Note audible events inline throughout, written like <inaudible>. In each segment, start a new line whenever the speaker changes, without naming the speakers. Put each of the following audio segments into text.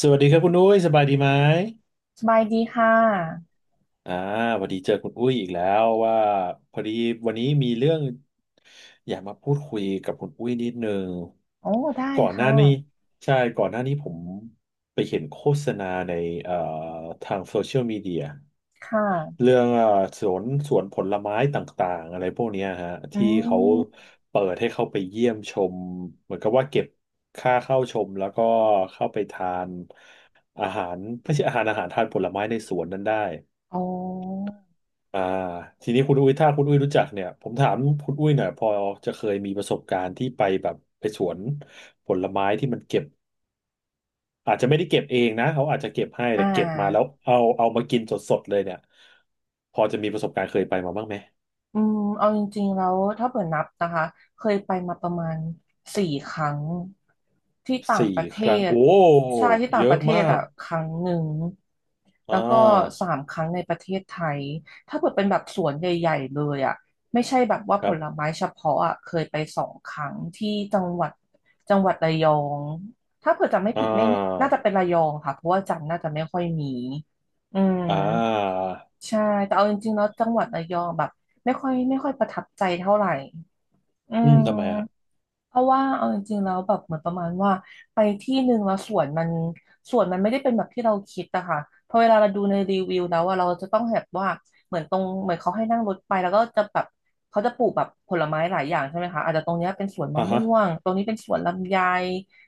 สวัสดีครับคุณอุ้ยสบายดีไหม
สบายดีค่ะ
อ่าพอดีเจอคุณอุ้ยอีกแล้วว่าพอดีวันนี้มีเรื่องอยากมาพูดคุยกับคุณอุ้ยนิดนึง
โอ้ ได้
ก่อนหน้า
ค่ะ
นี้ใช่ก่อนหน้านี้ผมไปเห็นโฆษณาในเอ่อทางโซเชียลมีเดีย
ค่ะ
เรื่องสวนผลไม้ต่างๆอะไรพวกเนี้ยฮะ
อื
ที่เขา
ม
เปิดให้เข้าไปเยี่ยมชมเหมือนกับว่าเก็บค่าเข้าชมแล้วก็เข้าไปทานอาหารไม่ใช่อาหารทานผลไม้ในสวนนั้นได้
อ๋อ
อ่าทีนี้คุณอุ้ยถ้าคุณอุ้ยรู้จักเนี่ยผมถามคุณอุ้ยหน่อยพอจะเคยมีประสบการณ์ที่ไปแบบไปสวนผลไม้ที่มันเก็บอาจจะไม่ได้เก็บเองนะเขาอาจจะเก็บให้
อ่
แต่เก็บมาแล้ว
า
เอามากินสดๆเลยเนี่ยพอจะมีประสบการณ์เคยไปมาบ้างไหม
เอาจริงๆแล้วถ้าเปิดนับนะคะเคยไปมาประมาณสี่ครั้งที่ต่าง
สี่
ประเท
ครั้ง
ศ
โอ้
ใช่ที่
เย
ต่างป
อะ
ระเท
มา
ศ
ก
อ่ะครั้งหนึ่ง
อ่
แล้วก็
า
สามครั้งในประเทศไทยถ้าเปิดเป็นแบบสวนใหญ่ๆเลยอ่ะไม่ใช่แบบว่า
ค
ผ
รับ
ลไม้เฉพาะอ่ะเคยไปสองครั้งที่จังหวัดระยองถ้าเผื่อจำไม่
อ่
ผิดไม่
า
น่าจะเป็นระยองค่ะเพราะว่าจันทร์น่าจะไม่ค่อยมีอืม
อ่า
ใช่แต่เอาจริงๆแล้วจังหวัดระยองแบบไม่ค่อยไม่ค่อยประทับใจเท่าไหร่อื
อื
ม
มทำไมอะ
เพราะว่าเอาจริงๆแล้วแบบเหมือนประมาณว่าไปที่หนึ่งแล้วสวนมันไม่ได้เป็นแบบที่เราคิดอะค่ะพอเวลาเราดูในรีวิวแล้วอะเราจะต้องแบบว่าเหมือนตรงเหมือนเขาให้นั่งรถไปแล้วก็จะแบบเขาจะปลูกแบบผลไม้หลายอย่างใช่ไหมคะอาจจะตรงเนี้ยเป็นสวนมะ
อ่าฮะ
ม่วงตรงนี้เป็นสวนลำไย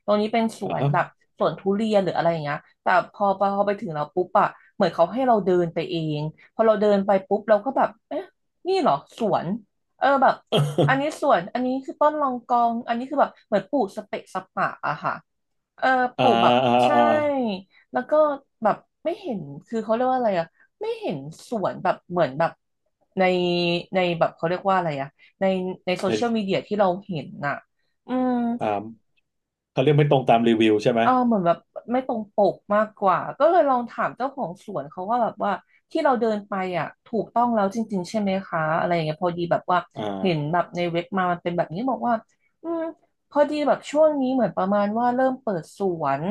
ตรงนี้เป็นส
อ่า
วน
ฮะ
แบบสวนทุเรียนหรืออะไรอย่างเงี้ยแต่พอไปถึงเราปุ๊บอะเหมือนเขาให้เราเดินไปเองพอเราเดินไปปุ๊บเราก็แบบเอ๊ะนี่เหรอสวนเออแบบ อันนี้สวนอันนี้คือต้นรองกองอันนี้คือแบบเหมือนปลูกสเปะสปะอะค่ะเออ
<laughs>
ป
อ่า
ลูกแบบ
อ่า
ใช่
อ่า
แล้วก็แบบไม่เห็นคือเขาเรียกว่าอะไรอะไม่เห็นสวนแบบเหมือนแบบในในแบบเขาเรียกว่าอะไรอะในในโซเชียล
ใน
มีเดียที่เราเห็นน่ะอืม
อ่าเขาเรียกไม่ตรงตามรีวิวใช่ไหม
เออเหมือนแบบไม่ตรงปกมากกว่าก็เลยลองถามเจ้าของสวนเขาว่าแบบว่าที่เราเดินไปอ่ะถูกต้องแล้วจริงๆใช่ไหมคะอะไรอย่างเงี้ยพอดีแบบว่า
อ่
เห็นแบ
า
บในเว็บมามันเป็นแบบนี้บอกว่าอืมพอดีแบบช่วงนี้เหมือนประมาณว่าเริ่มเปิดสวน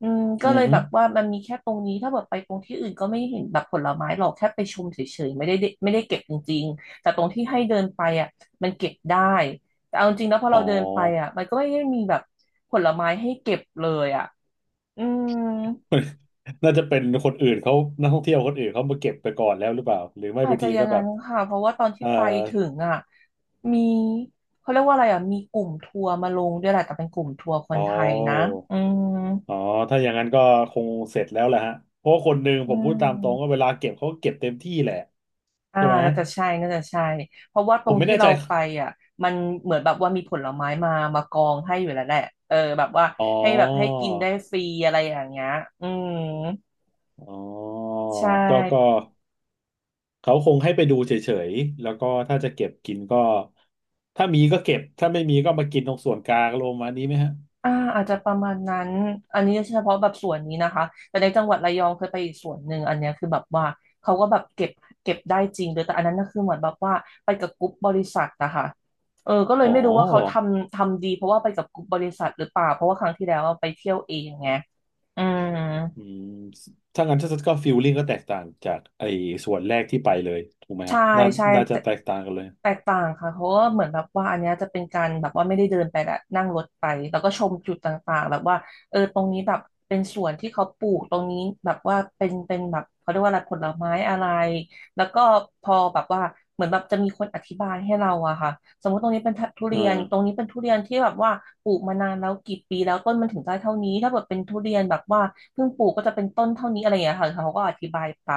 ก็
อื
เล
อ
ย
ฮึ
แบบว่ามันมีแค่ตรงนี้ถ้าแบบไปตรงที่อื่นก็ไม่เห็นแบบผลไม้หรอกแค่ไปชมเฉยๆไม่ได้เก็บจริงๆแต่ตรงที่ให้เดินไปอ่ะมันเก็บได้ แต่เอาจริงนะพอ
อ๋
เรา
อ
เดินไปอ่ะมันก็ไม่ได้มีแบบผลไม้ให้เก็บเลยอ่ะอืม
<laughs> น่าจะเป็นคนอื่นเขานักท่องเที่ยวคนอื่นเขามาเก็บไปก่อนแล้วหรือเปล่าหรือไม่
อาจ
บาง
จะ
ที
อย่า
ก็
ง
แบ
นั้
บ
นค่ะเพราะว่าตอนที่
เอ่อ
ไปถึงอ่ะมีเขาเรียกว่าอะไรอ่ะมีกลุ่มทัวร์มาลงด้วยแหละแต่เป็นกลุ่มทัวร์ค
อ๋
น
อ
ไทยนะอืม
อ๋อถ้าอย่างนั้นก็คงเสร็จแล้วแหละฮะเพราะว่าคนหนึ่ง
อื
ผมพูดตามตรงก็
ม
เวลาเก็บเขาก็เก็บเต็มที่แหละ
อ่า
ใช่ไหม
น่าจะใช่น่าจะใช่เพราะว่าต
ผ
รง
มไม่
ที่
แน่
เรา
ใจ
ไปอ่ะมันเหมือนแบบว่ามีผลไม้มามากองให้อยู่แล้วแหละเออแบบว่า
อ๋อ
ให้แบบให้กินได้ฟรีอะไรอย่างเงี้ยอืม
อ๋อ
ใช่
ก็เขาคงให้ไปดูเฉยๆแล้วก็ถ้าจะเก็บกินก็ถ้ามีก็เก็บถ้าไม่มีก็มากินตรงส่วนกลางลงมาณนี้ไหมฮะ
อ่าอาจจะประมาณนั้น อันนี้เฉพาะแบบส่วนนี้นะคะแต่ในจังหวัดระยองเคยไปอีกส่วนหนึ่งอันเนี้ยคือแบบว่าเขาก็แบบเก็บได้จริงเลยแต่อันนั้นก็คือเหมือนแบบว่าไปกับกรุ๊ปบริษัทนะคะเออก็เลย
อ๋อ
ไม่รู้ว่าเขาทำดีเพราะว่าไปกับกรุ๊ปบริษัทหรือเปล่าเพราะว่าครั้งที่แล้วอะไปเที่ยวเองไงอืม
อืมถ้างั้นถ้าก็ฟิลลิ่งก็แตกต่างจากไอ้ส่วนแรกที่ไปเลยถูกไหม
ใช่
ฮะน่า
ใช่
น่าจะ
แต่
แตกต่างกันเลย
แตกต่างค่ะเพราะว่าเหมือนแบบว่าอันเนี้ยจะเป็นการแบบว่าไม่ได้เดินไปแหละนั่งรถไปแล้วก็ชมจุดต่างๆแบบว่าเออตรงนี้แบบเป็นสวนที่เขาปลูกตรงนี้แบบว่าเป็นแบบเขาเรียกว่าอะไรผลไม้อะไรแล้วก็พอแบบว่าเหมือนแบบจะมีคนอธิบายให้เราอะค่ะสมมติตรงนี้เป็นทุเรียนตรง
อ่า
นี้เป็นทุเรียนที่แบบว่าปลูกมานานแล้วกี่ปีแล้วต้นมันถึงได้เท่านี้ถ้าแบบเป็นทุเรียนแบบว่า เพิ่งปลูกก็จะเป็นต้นเท่านี้อะไรอย่างเงี้ยค่ะเขาก็อธิบายไป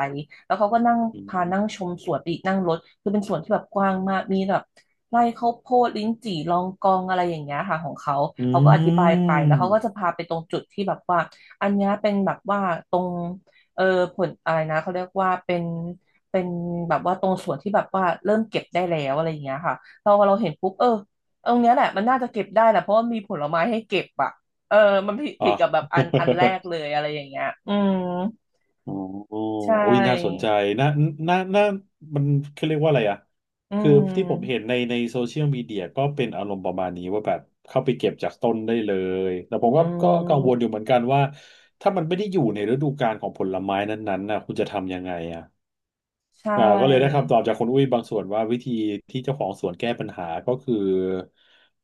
แล้วเขาก็นั่ง
อื
พานั่ง
ม
ชมสวนไปอีกนั่งรถคือเป็นสวนที่แบบกว้างมากมีแบบไร่ข้าวโพดลิ้นจี่ลองกองอะไรอย่างเงี้ยค่ะของเขา
อ
เขาก็อธิ
ื
บายไปแล้วเขาก็จะ
ม
พาไปตรงจุดที่แบบว่าอันเนี้ยเป็นแบบว่าตรงเออผลอะไรนะเขาเรียกว่าเป็นแบบว่าตรงส่วนที่แบบว่าเริ่มเก็บได้แล้วอะไรอย่างเงี้ยค่ะเราเห็นปุ๊บเออตรงเนี้ยแหละมันน่าจะเก็บได้แหละเพราะว่ามีผลไม้ให้เก็บอะ เออ มันผิด
อ่
ผิดกับแบบ
ะ
อันแรกเลยอะไรอย่างเงี้ยอืม
<laughs> อ๋อโ
ใช
อุ้ยน่าสน
่
ใจ น่าน่าน่ามันคขาเรียกว่าอะไรอ่ะ
อื
คือที่ผมเห็น
ม
ในโซเชียลมีเดียก็เป็นอารมณ์ประมาณนี้ว่าแบบเข้าไปเก็บจากต้นได้เลย แต่ผม
อื
ก็กัง
ม
วลอยู่เหมือนกันว่าถ้ามันไม่ได้อยู่ในฤดูกาลของผลไม้นั้นๆน่ะคุณจะทำยังไงอ่ะ
ใช่
อ่าก็เลยได้คำตอบจากคุณอุ้ยบางส่วนว่าวิธีที่เจ้าของสวนแก้ปัญหาก็คือ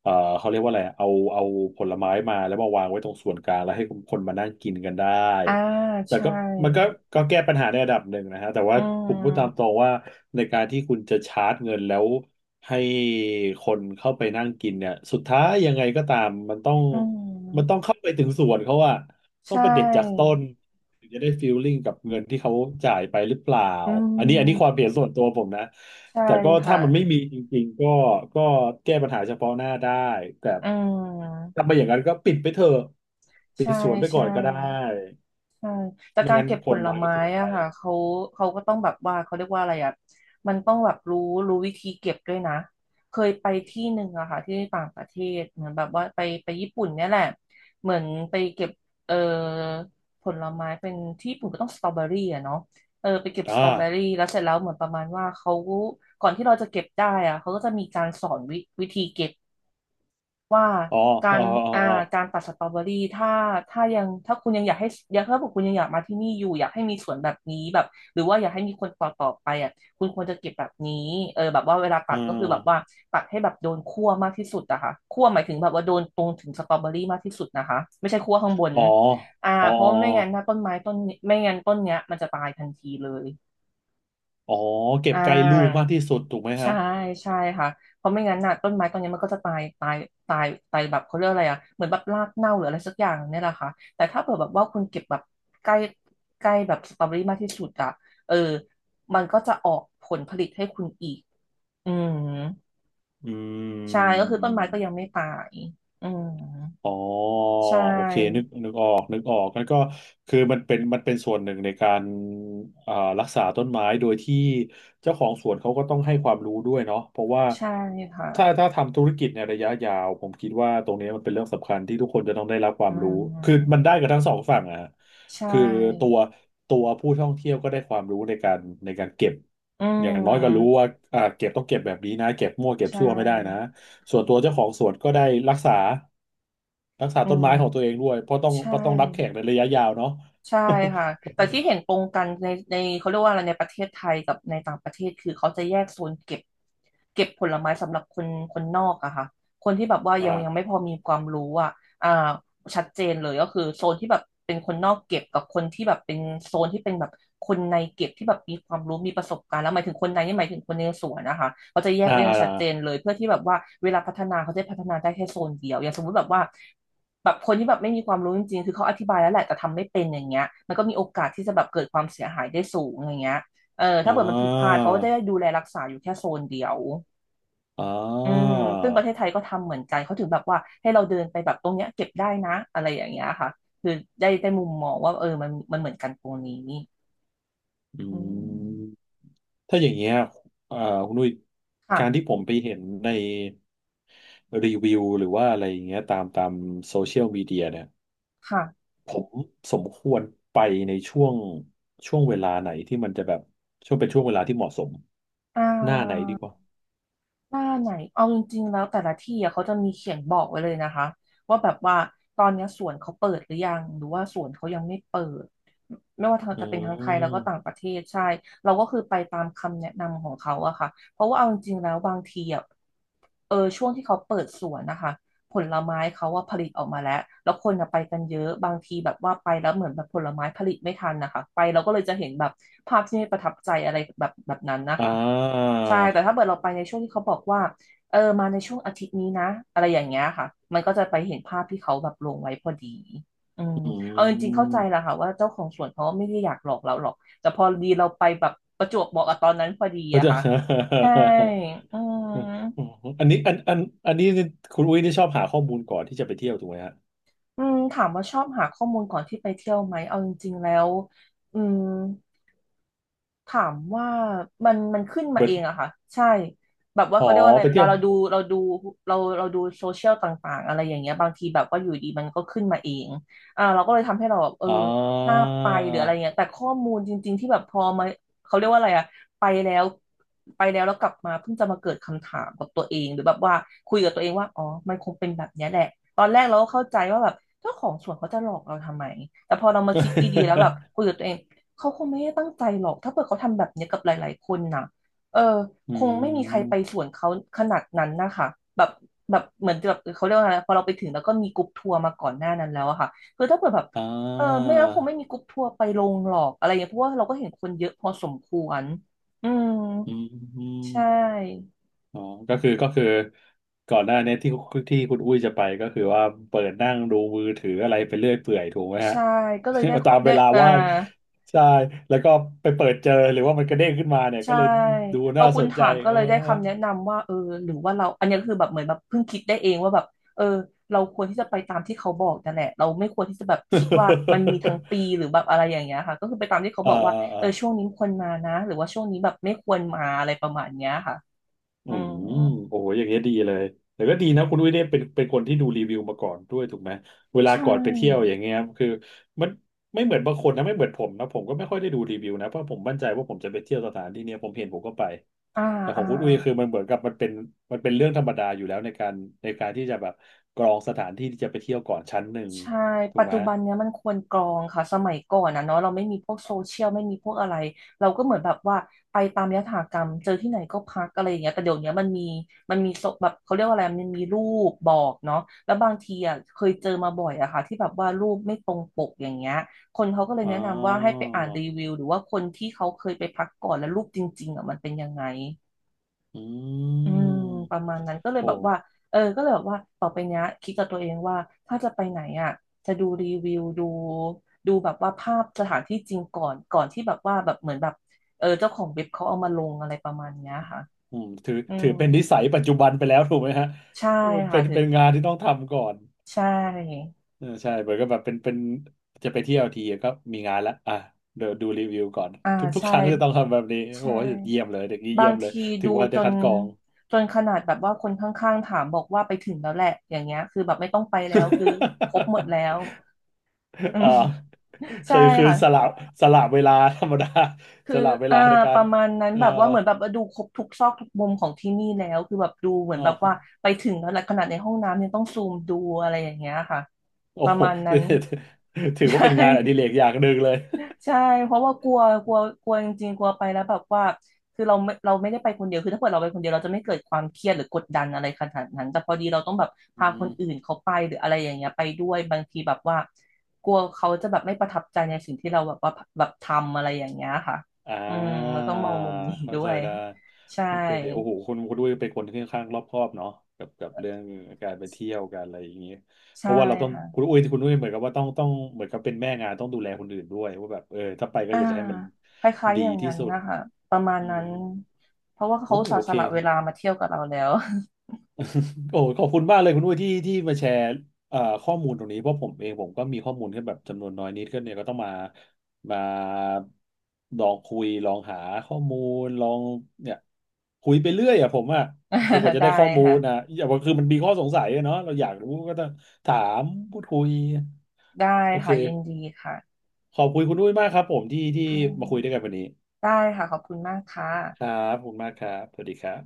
เอ่อเขาเรียกว่าอะไรเอาผลไม้มาแล้วมาวางไว้ตรงส่วนกลางแล้วให้คนมานั่งกินกันได้
อ่า
แต่
ใช่
ก็มันก็แก้ปัญหาในระดับหนึ่งนะฮะแต่ว่า
อื
ผมพูดตามต
ม
รงว่าในการที่คุณจะชาร์จเงินแล้วให้คนเข้าไปนั่งกินเนี่ยสุดท้ายยังไงก็ตามมันต้อง
อื
มันต้อง
ม
เข้าไปถึงสวนเขาอะ
ใช
ต้องไปเด็ดจากต้
่
น ถึงจะได้ฟีลลิ่งกับเงินที่เขาจ่ายไปหรือเปล่า
อื
อันนี้ควา
ม
มเห็นส่วนตัวผมนะ
ใช่
แต่ก็
ค่ะ
ถ้ามันไม่มีจริงๆก็แก้ปัญหาเฉพาะหน้าได้ แต่
อืม
ถ้าไม่อย่างนั้นก็ปิดไปเถอะปิ
ใช่
ดสวนไปก่อ
ใช่
นก็ได้
ใช่แต่
ไม่
การ
งั้น
เก็บ
ค
ผ
น
ล
มาก็
ไม้
เสียใจ
อะค่ะเขาเขาก็ต้องแบบว่าเขาเรียกว่าอะไรอะมันต้องแบบรู้วิธีเก็บด้วยนะเคยไปที่หนึ่งอะค่ะที่ต่างประเทศเหมือนแบบว่าไปญี่ปุ่นเนี่ยแหละเหมือนไปเก็บเอ่อผลไม้เป็นที่ญี่ปุ่นก็ต้องสตรอเบอรี่อะเนาะเออไปเก็บ
อ
สตรอเบอ
่า
รี่แล้วเสร็จแล้วเหมือนประมาณว่าเขาก่อนที่เราจะเก็บได้อะเขาก็จะมีการสอนวิธีเก็บ ว่า
อ๋อ
กา
อ๋อ
ร
อ๋
อ่ากา
อ
รตัดสตรอเบอรี่ถ้าคุณยังอยากให้อยากถ้าบอกคุณยังอยากมาที่นี่อยู่อยากให้มีสวนแบบนี้แบบหรือว่าอยากให้มีคนต่อไปอ่ะคุณควรจะเก็บแบบนี้เออแบบว่าเวลาตั
อ๋
ดก็คือแบบว่า
อ
ตัดให้แบบโดนคั่วมากที่สุดอะค่ะคั่วหมายถึงแบบว่าโดนตรงถึงสตรอเบอรี่มากที่สุดนะคะไม่ใช่คั่วข้างบน
อ๋อ
อ่า
อ๋อ
เพราะไม่งั้นถ้าต้นไม้ต้นไม่งั้นต้นเนี้ยมันจะตายทันทีเลย
อ๋อ อ๋อเก็บ
อ่
ใกล้ลูก
า
มากที่สุดถูกไหม
ใช่
ฮะ
ใช่ค่ะเพราะไม่งั้นน่ะต้นไม้ต้นนี้มันก็จะตายตายตายตายแบบเขาเรียกอะไรอ่ะเหมือนแบบรากเน่าหรืออะไรสักอย่างเนี่ยแหละค่ะแต่ถ้าเผื่อแบบว่าคุณเก็บแบบใกล้ใกล้แบบสตรอเบอรี่มากที่สุดอ่ะเออมันก็จะออกผลผลิตให้คุณอีกอืม
อื
ใช่ก็คือต้นไม้ก็ยังไม่
ม
ตายอืม
อ๋อ
ใช
โอเคนึก
่
นึกออกนึกออกแั้นก็คือมันเป็นมันเป็นส่วนหนึ่งในการอ่ารักษาต้นไม้โดยที่เจ้าของสวนเขาก็ต้องให้ความรู้ด้วยเนาะเพราะว่า
ใช่ค่ะ
ถ้าทำธุรกิจในระยะยาวผมคิดว่าตรงนี้มันเป็นเรื่องสำคัญที่ทุกคนจะต้องได้รับควา
อื
มรู้คือมัน
ม
ได้กับทั้งสองฝั่งอะฮะ
ใช
คือตั
่
วผู้ท่องเที่ยวก็ได้ความรู้ในการในการเก็บ
อื
อย่างน้อยก็รู้
ม
ว่าอ่าเก็บต้องเก็บแบบนี้นะเก็บมั่วเก็บ
ใช
ซั่วไม่ได้นะ
่
ส่วนตัวเจ้าของสวนก็ได้รักษา รักษา
อื
ต้นไม้ของตั
ม
วเองด้วยเพราะต้อง
ใช่
เพราะต้องรับแขกในระยะยาวเนาะ
ใช่ค่ะแต่ที่เห็นตรงกันในเขาเรียกว่าอะไรในประเทศไทยกับในต่างประเทศคือเขาจะแยกโซนเก็บผลไม้สำหรับคนนอกอะค่ะคนที่แบบว่า
<laughs> อ่า
ยัง
<laughs>
ยังไม่พอมีความรู้อะอ่า ชัดเจนเลยก็คือโซนที่แบบเป็นคนนอกเก็บกับคนที่แบบเป็นโซนที่เป็นแบบคนในเก็บที่แบบมีความรู้มีประสบการณ์แล้วหมายถึงคนในนี่หมายถึงคนในสวนนะคะเขาจะแยก
อ่า
ไว้อย่างชั
อ่า
ดเจนเลยเพื่อที่แบบว่าเวลาพัฒนาเขาจะพัฒนาได้แค่โซนเดียวอย่างสมมติแบบว่าแบบคนที่แบบไม่มีความรู้จริงๆคือเขาอธิบายแล้วแหละแต่ทำไม่เป็นอย่างเงี้ยมันก็มีโอกาสที่จะแบบเกิดความเสียหายได้สูงอย่างเงี้ยเออถ้าเกิดมันผิดพลาดเขาก็จะได้ดูแลรักษาอยู่แค่โซนเดียว
อ่
อืม
า
ซึ่งประเทศไทยก็ทำเหมือนกันเขาถึงแบบว่าให้เราเดินไปแบบตรงเนี้ยเก็บได้นะอะไรอย่างเงี้ยค่ะ คือได้มุมมองว่าเออมันเหมือนกันตรงนี้
อื
อื
ม
ม
ถ้าอย่างเงี้ยเอ่าคุณนุ้ยการที่
ค่ะ
ผมไปเห็นในรีวิวหรือว่าอะไรอย่างเงี้ยตามโซเชียลมีเดียเนี่ย
ค่ะ
ผมสมควรไปในช่วงช่วงเวลาไหนที่มันจะแบบช่วงเป็นช่วงเวลาที่เหมาะสม
อ่
หน้าไหนดีก
า
ว่า
หน้าไหนเอาจริงๆแล้วแต่ละที่อะเขาจะมีเขียนบอกไว้เลยนะคะว่าแบบว่าตอนเนี้ยสวนเขาเปิดหรือยังหรือว่าสวนเขายังไม่เปิดไม่ว่า
อื
จะเป็นทั้งไทยแล้วก็ต่าง
ม
ประเทศใช่เราก็คือไปตามคำแนะนำของเขาอะค่ะเพราะว่าเอาจริงๆแล้วบางทีอะเออช่วงที่เขาเปิดสวนนะคะผลไม้เขาว่าผลิตออกมาแล้วแล้วคนอะไปกันเยอะบางทีแบบว่าไปแล้วเหมือนแบบผลไม้ผลิตไม่ทันนะคะไปเราก็เลยจะเห็นแบบภาพที่ไม่ประทับใจอะไรแบบนั้นนะ
อ่
คะ
า
ใช่แต่ถ้าเกิดเราไปในช่วงที่เขาบอกว่าเออมาในช่วงอาทิตย์นี้นะอะไรอย่างเงี้ยค่ะมันก็จะไปเห็นภาพที่เขาแบบลงไว้พอดีอืม
อื
เอาจริงๆเข้าใจแหละ
ม
ค่ะว่าเจ้าของสวนเขาไม่ได้อยากหลอกเราหรอกแต่พอดีเราไปแบบประจวบเหมาะกับตอนนั้นพอดี
<laughs> ก็
อะ
จะ
ค่ะใช่อืม
<laughs> อันนี้อันอันนี้คุณอุ้ยนี่ชอบหาข้อมูลก่อนที่จะไปเที่ยวถูกไหมฮะ
อืมถามว่าชอบหาข้อมูลก่อนที่ไปเที่ยวไหมเอาจริงๆแล้วอืม ถามว่ามันขึ้นมา
เบิ
เอ
ด
งอะค่ะใช่แบบว่า
อ๋อ
เขาเรียกว่าอะไร
ไป
เว
เที่ย
ลา
ว
เราดูโซเชียลต่างๆอะไรอย่างเงี้ยบางทีแบบว่าอยู่ดีมันก็ขึ้นมาเองอ่าเราก็เลยทำให้เราแบบเออ
อ๋อ
น่าไปหรืออะไรเงี้ยแต่ข้อมูลจริงๆที่แบบพอมาเขาเรียกว่าอะไรอะไปแล้วไปแล้วแล้วกลับมาเพิ่งจะมาเกิดคำถามกับตัวเองหรือแบบว่าคุยกับตัวเองว่าอ๋อมันคงเป็นแบบเนี้ยแหละตอนแรกเราก็เข้าใจว่าแบบเจ้าของสวนเขาจะหลอกเราทำไมแต่พอเรามาคิดดีๆแล้วแบบคุยกับตัวเอง เขาคงไม่ได้ตั้งใจหรอก ถ้าเกิดเขาทำแบบเนี้ยกับหลายๆคนน่ะเออ
<laughs> อื
คงไม่มีใคร
ม
ไปสวนเขาขนาดนั้นนะคะแบบแบบเหมือนแบบเขาเรียกว่าอะไรพอเราไปถึงแล้วก็มีกรุ๊ปทัวร์มาก่อนหน้านั้นแล้วอะค่ะคือถ้าเกิดแบบ
อ่
เออไม่
า
งั้นคงไม่มีกรุ๊ปทัวร์ไปลงหรอกอะไรอย่างเงี้ยเพราะว่าเราก็เห็นคนเยอะพอสมควรอืม
อื
ใช
ม
่
อ๋อก็คือก่อนหน้านี้ที่ที่คุณอุ้ยจะไปก็คือว่าเปิดนั่งดูมือถืออะไรไปเรื่อยเปื่อยถูกไหมฮะ
ใช่ก็เลยได้
<laughs>
ข้
ตา
อ
มเว
ได้
ลาว่างใช่แล้วก็ไปเปิดเจอหรือว่ามันกระเด้งขึ้นมาเนี่ยก็
ใช่
เลยดู
พอ
น่า
คุ
ส
ณ
นใจ
ถาม
<laughs>
ก็
เออ
เลยได้คำแนะนำว่าเออหรือว่าเราอันนี้ก็คือแบบเหมือนแบบเพิ่งคิดได้เองว่าแบบเออเราควรที่จะไปตามที่เขาบอกนั่นแหละเราไม่ควรที่จะแบบคิดว่ามันมีทั้งปีหรือแบบอะไรอย่างเงี้ยค่ะก็คือไปตามที่เขา
<laughs>
บ
อ่า
อกว่าเอ
อ่า
อช่วงนี้ควรมานะหรือว่าช่วงนี้แบบไม่ควรมาอะไรประมาณเนี้ยค่ะ
อื
อื
ม
ม
โอ้โหอย่างเงี้ยดีเลยแต่ก็ดีนะคุณอุ้ยเนี่ยเป็นคนที่ดูรีวิวมาก่อนด้วยถูกไหมเวลา
ใช
ก่อนไปเที่ยวอ
่
ย่างเงี้ยคือมันไม่เหมือนบางคนนะไม่เหมือนผมนะผมก็ไม่ค่อยได้ดูรีวิวนะเพราะผมมั่นใจว่าผมจะไปเที่ยวสถานที่เนี้ยผมเห็นผมก็ไป
อ่า
แต่ขอ
อ่า
งคุณอุ้ยคือมันเหมือนกับมันเป็นเรื่องธรรมดาอยู่แล้วในการที่จะแบบกรองสถานที่ที่จะไปเที่ยวก่อนชั้นหนึ่ง
ใช่
ถู
ปั
ก
จ
ไหม
จุบันเนี้ยมันควรกรองค่ะสมัยก่อนนะเนาะเราไม่มีพวกโซเชียลไม่มีพวกอะไรเราก็เหมือนแบบว่าไปตามยถากรรมเจอที่ไหนก็พักอะไรอย่างเงี้ยแต่เดี๋ยวเนี้ยมันมีมันมีโซแบบเขาเรียกว่าอะไรมันมีรูปบอกเนาะแล้วบางทีอ่ะเคยเจอมาบ่อยอะค่ะที่แบบว่ารูปไม่ตรงปกอย่างเงี้ยคนเขาก็เลย
อ๋อ
แนะนำว่าให้ไปอ่านรีวิวหรือว่าคนที่เขาเคยไปพักก่อนแล้วรูปจริงๆอ่ะมันเป็นยังไง
อื
อืม
ม
ประมาณนั้นก็เลย
โอ้
แบบว่าเออก็เลยแบบว่าต่อไปเนี้ยคิดกับตัวเองว่าถ้าจะไปไหนอ่ะจะดูรีวิวดูดูแบบว่าภาพสถานที่จริงก่อนก่อนที่แบบว่าแบบเหมือนแบบเออเจ้าของเว็บเขาเอามาลงอะไรประมาณเนี้ยค่ะ
อืมถือ
อื
ถือ
ม
เป็นนิสัยปัจจุบันไปแล้วถูกไหมฮะ
ใช่
เป็
ค่ะ
น
ถือ
เป็นงานที่ต้องทำก่อน
ใช่
เออใช่เหมือนกับแบบเป็นจะไปเที่ยวทีก็มีงานละอ่ะเดี๋ยวดูรีวิวก่อน
อ่า
ทุก
ใช่
ครั้งจะต้องทำแบบนี้
ใช
โอ้โหเยี่ยม
่
เลยเด็กนี้
บา
เยี่ย
ง
มเลย
ที
ถื
ดู
อว่า
จ
ได้
น
คัดกรอง
จนขนาดแบบว่าคนข้างๆถามบอกว่าไปถึงแล้วแหละอย่างเงี้ยคือแบบไม่ต้องไปแล้วคือครบหมดแล้ว
<laughs>
อื
อ่
ม
าเค
ใช่
ยคือ
ค่ะ
สลบสลบเวลาธรรมดา
คื
ส
อ
ลับเว
อ่า
ลาในกา
ป
ร
ระมาณนั้น
เอ่อ
แบบว่าเหมือนแบบว่าดูครบทุกซอกทุกมุมของที่นี่แล้ว คือแบบดูเหมือน
เอ่
แบบว่า
อ
ไปถึงแล้วแหละขนาดในห้องน้ำยังต้องซูมดูอะไรอย่างเงี้ยค่ะ
โอ้
ประ
โห
มาณนั้น
<laughs> ถือ
<laughs>
ว่า
ใช่
เป็นงานอดิเรกอย่างหนึ่งเลย
ใช่เพราะว่ากลัวกลัวกลัวจริงๆกลัวไปแล้วแบบว่าคือเราไม่เราไม่ได้ไปคนเดียวคือถ้าเกิดเราไปคนเดียวเราจะไม่เกิดความเครียดหรือกดดันอะไรขนาดนั้นแต่พอดีเราต้องแบบ
อื
พาค
ม
นอื่นเขาไปหรืออะไรอย่างเงี้ยไปด้วยบางทีแบบว่ากลัวเขาจะแบบไม่ประทับใจในสิ่งที่เราแบบว่าแบบทำอะไรอย่างเงี้ยค่ะ
อ่
อืมเรา
า
ต้องมองมุมนี้
เข้า
ด้
ใจ
วย
ได้
ใช่
โอเคโอ้โหคุณด้วยเป็นคนที่ค่อนข้างรอบคอบเนาะกับเรื่องการไปเที่ยวการอะไรอย่างเงี้ยเพ
ใช่
ราะว่าเราต้อง
ค่ะ
คุณอุ้ยเหมือนกับว่าต้องเหมือนกับเป็นแม่งานต้องดูแลคนอื่นด้วยว่าแบบเออถ้าไปก็
อ่า
อยากจะให้มัน
คล้ายๆ
ดี
อย่าง
ที่
นั้น
สุด
นะคะประมาณ
อื
นั้
ม
นเพราะว่าเขา
โอ้
อุ
ย
ตส่า
โอ
ห์ส
เค
ละเวลามาเที่ยวกับเราแล้ว
โอ้ขอบคุณมากเลยคุณอุ้ยที่มาแชร์ข้อมูลตรงนี้เพราะผมเองผมก็มีข้อมูลแค่แบบจำนวนน้อยนิดก็เนี่ยก็ต้องมาลองคุยลองหาข้อมูลลองเนี่ยคุยไปเรื่อยอะผมอะจนกว่า
<laughs>
จะ
ได้
ได้ข้อมูลนะ
ค่ะ
อย่างว่าคือมันมีข้อสงสัยอะเนาะเราอยากรู้ก็ต้องถามพูดคุย
ได้
โอเค
ค่ะยินดีค่ะ
ขอบคุณคุณอุ้ยมากครับผมที่
ค่
มาคุยด้ว
ะ
ยกันวันนี้
ได้ค่ะขอบคุณมากค่ะ
ครับขอบคุณมากครับสวัสดีครับ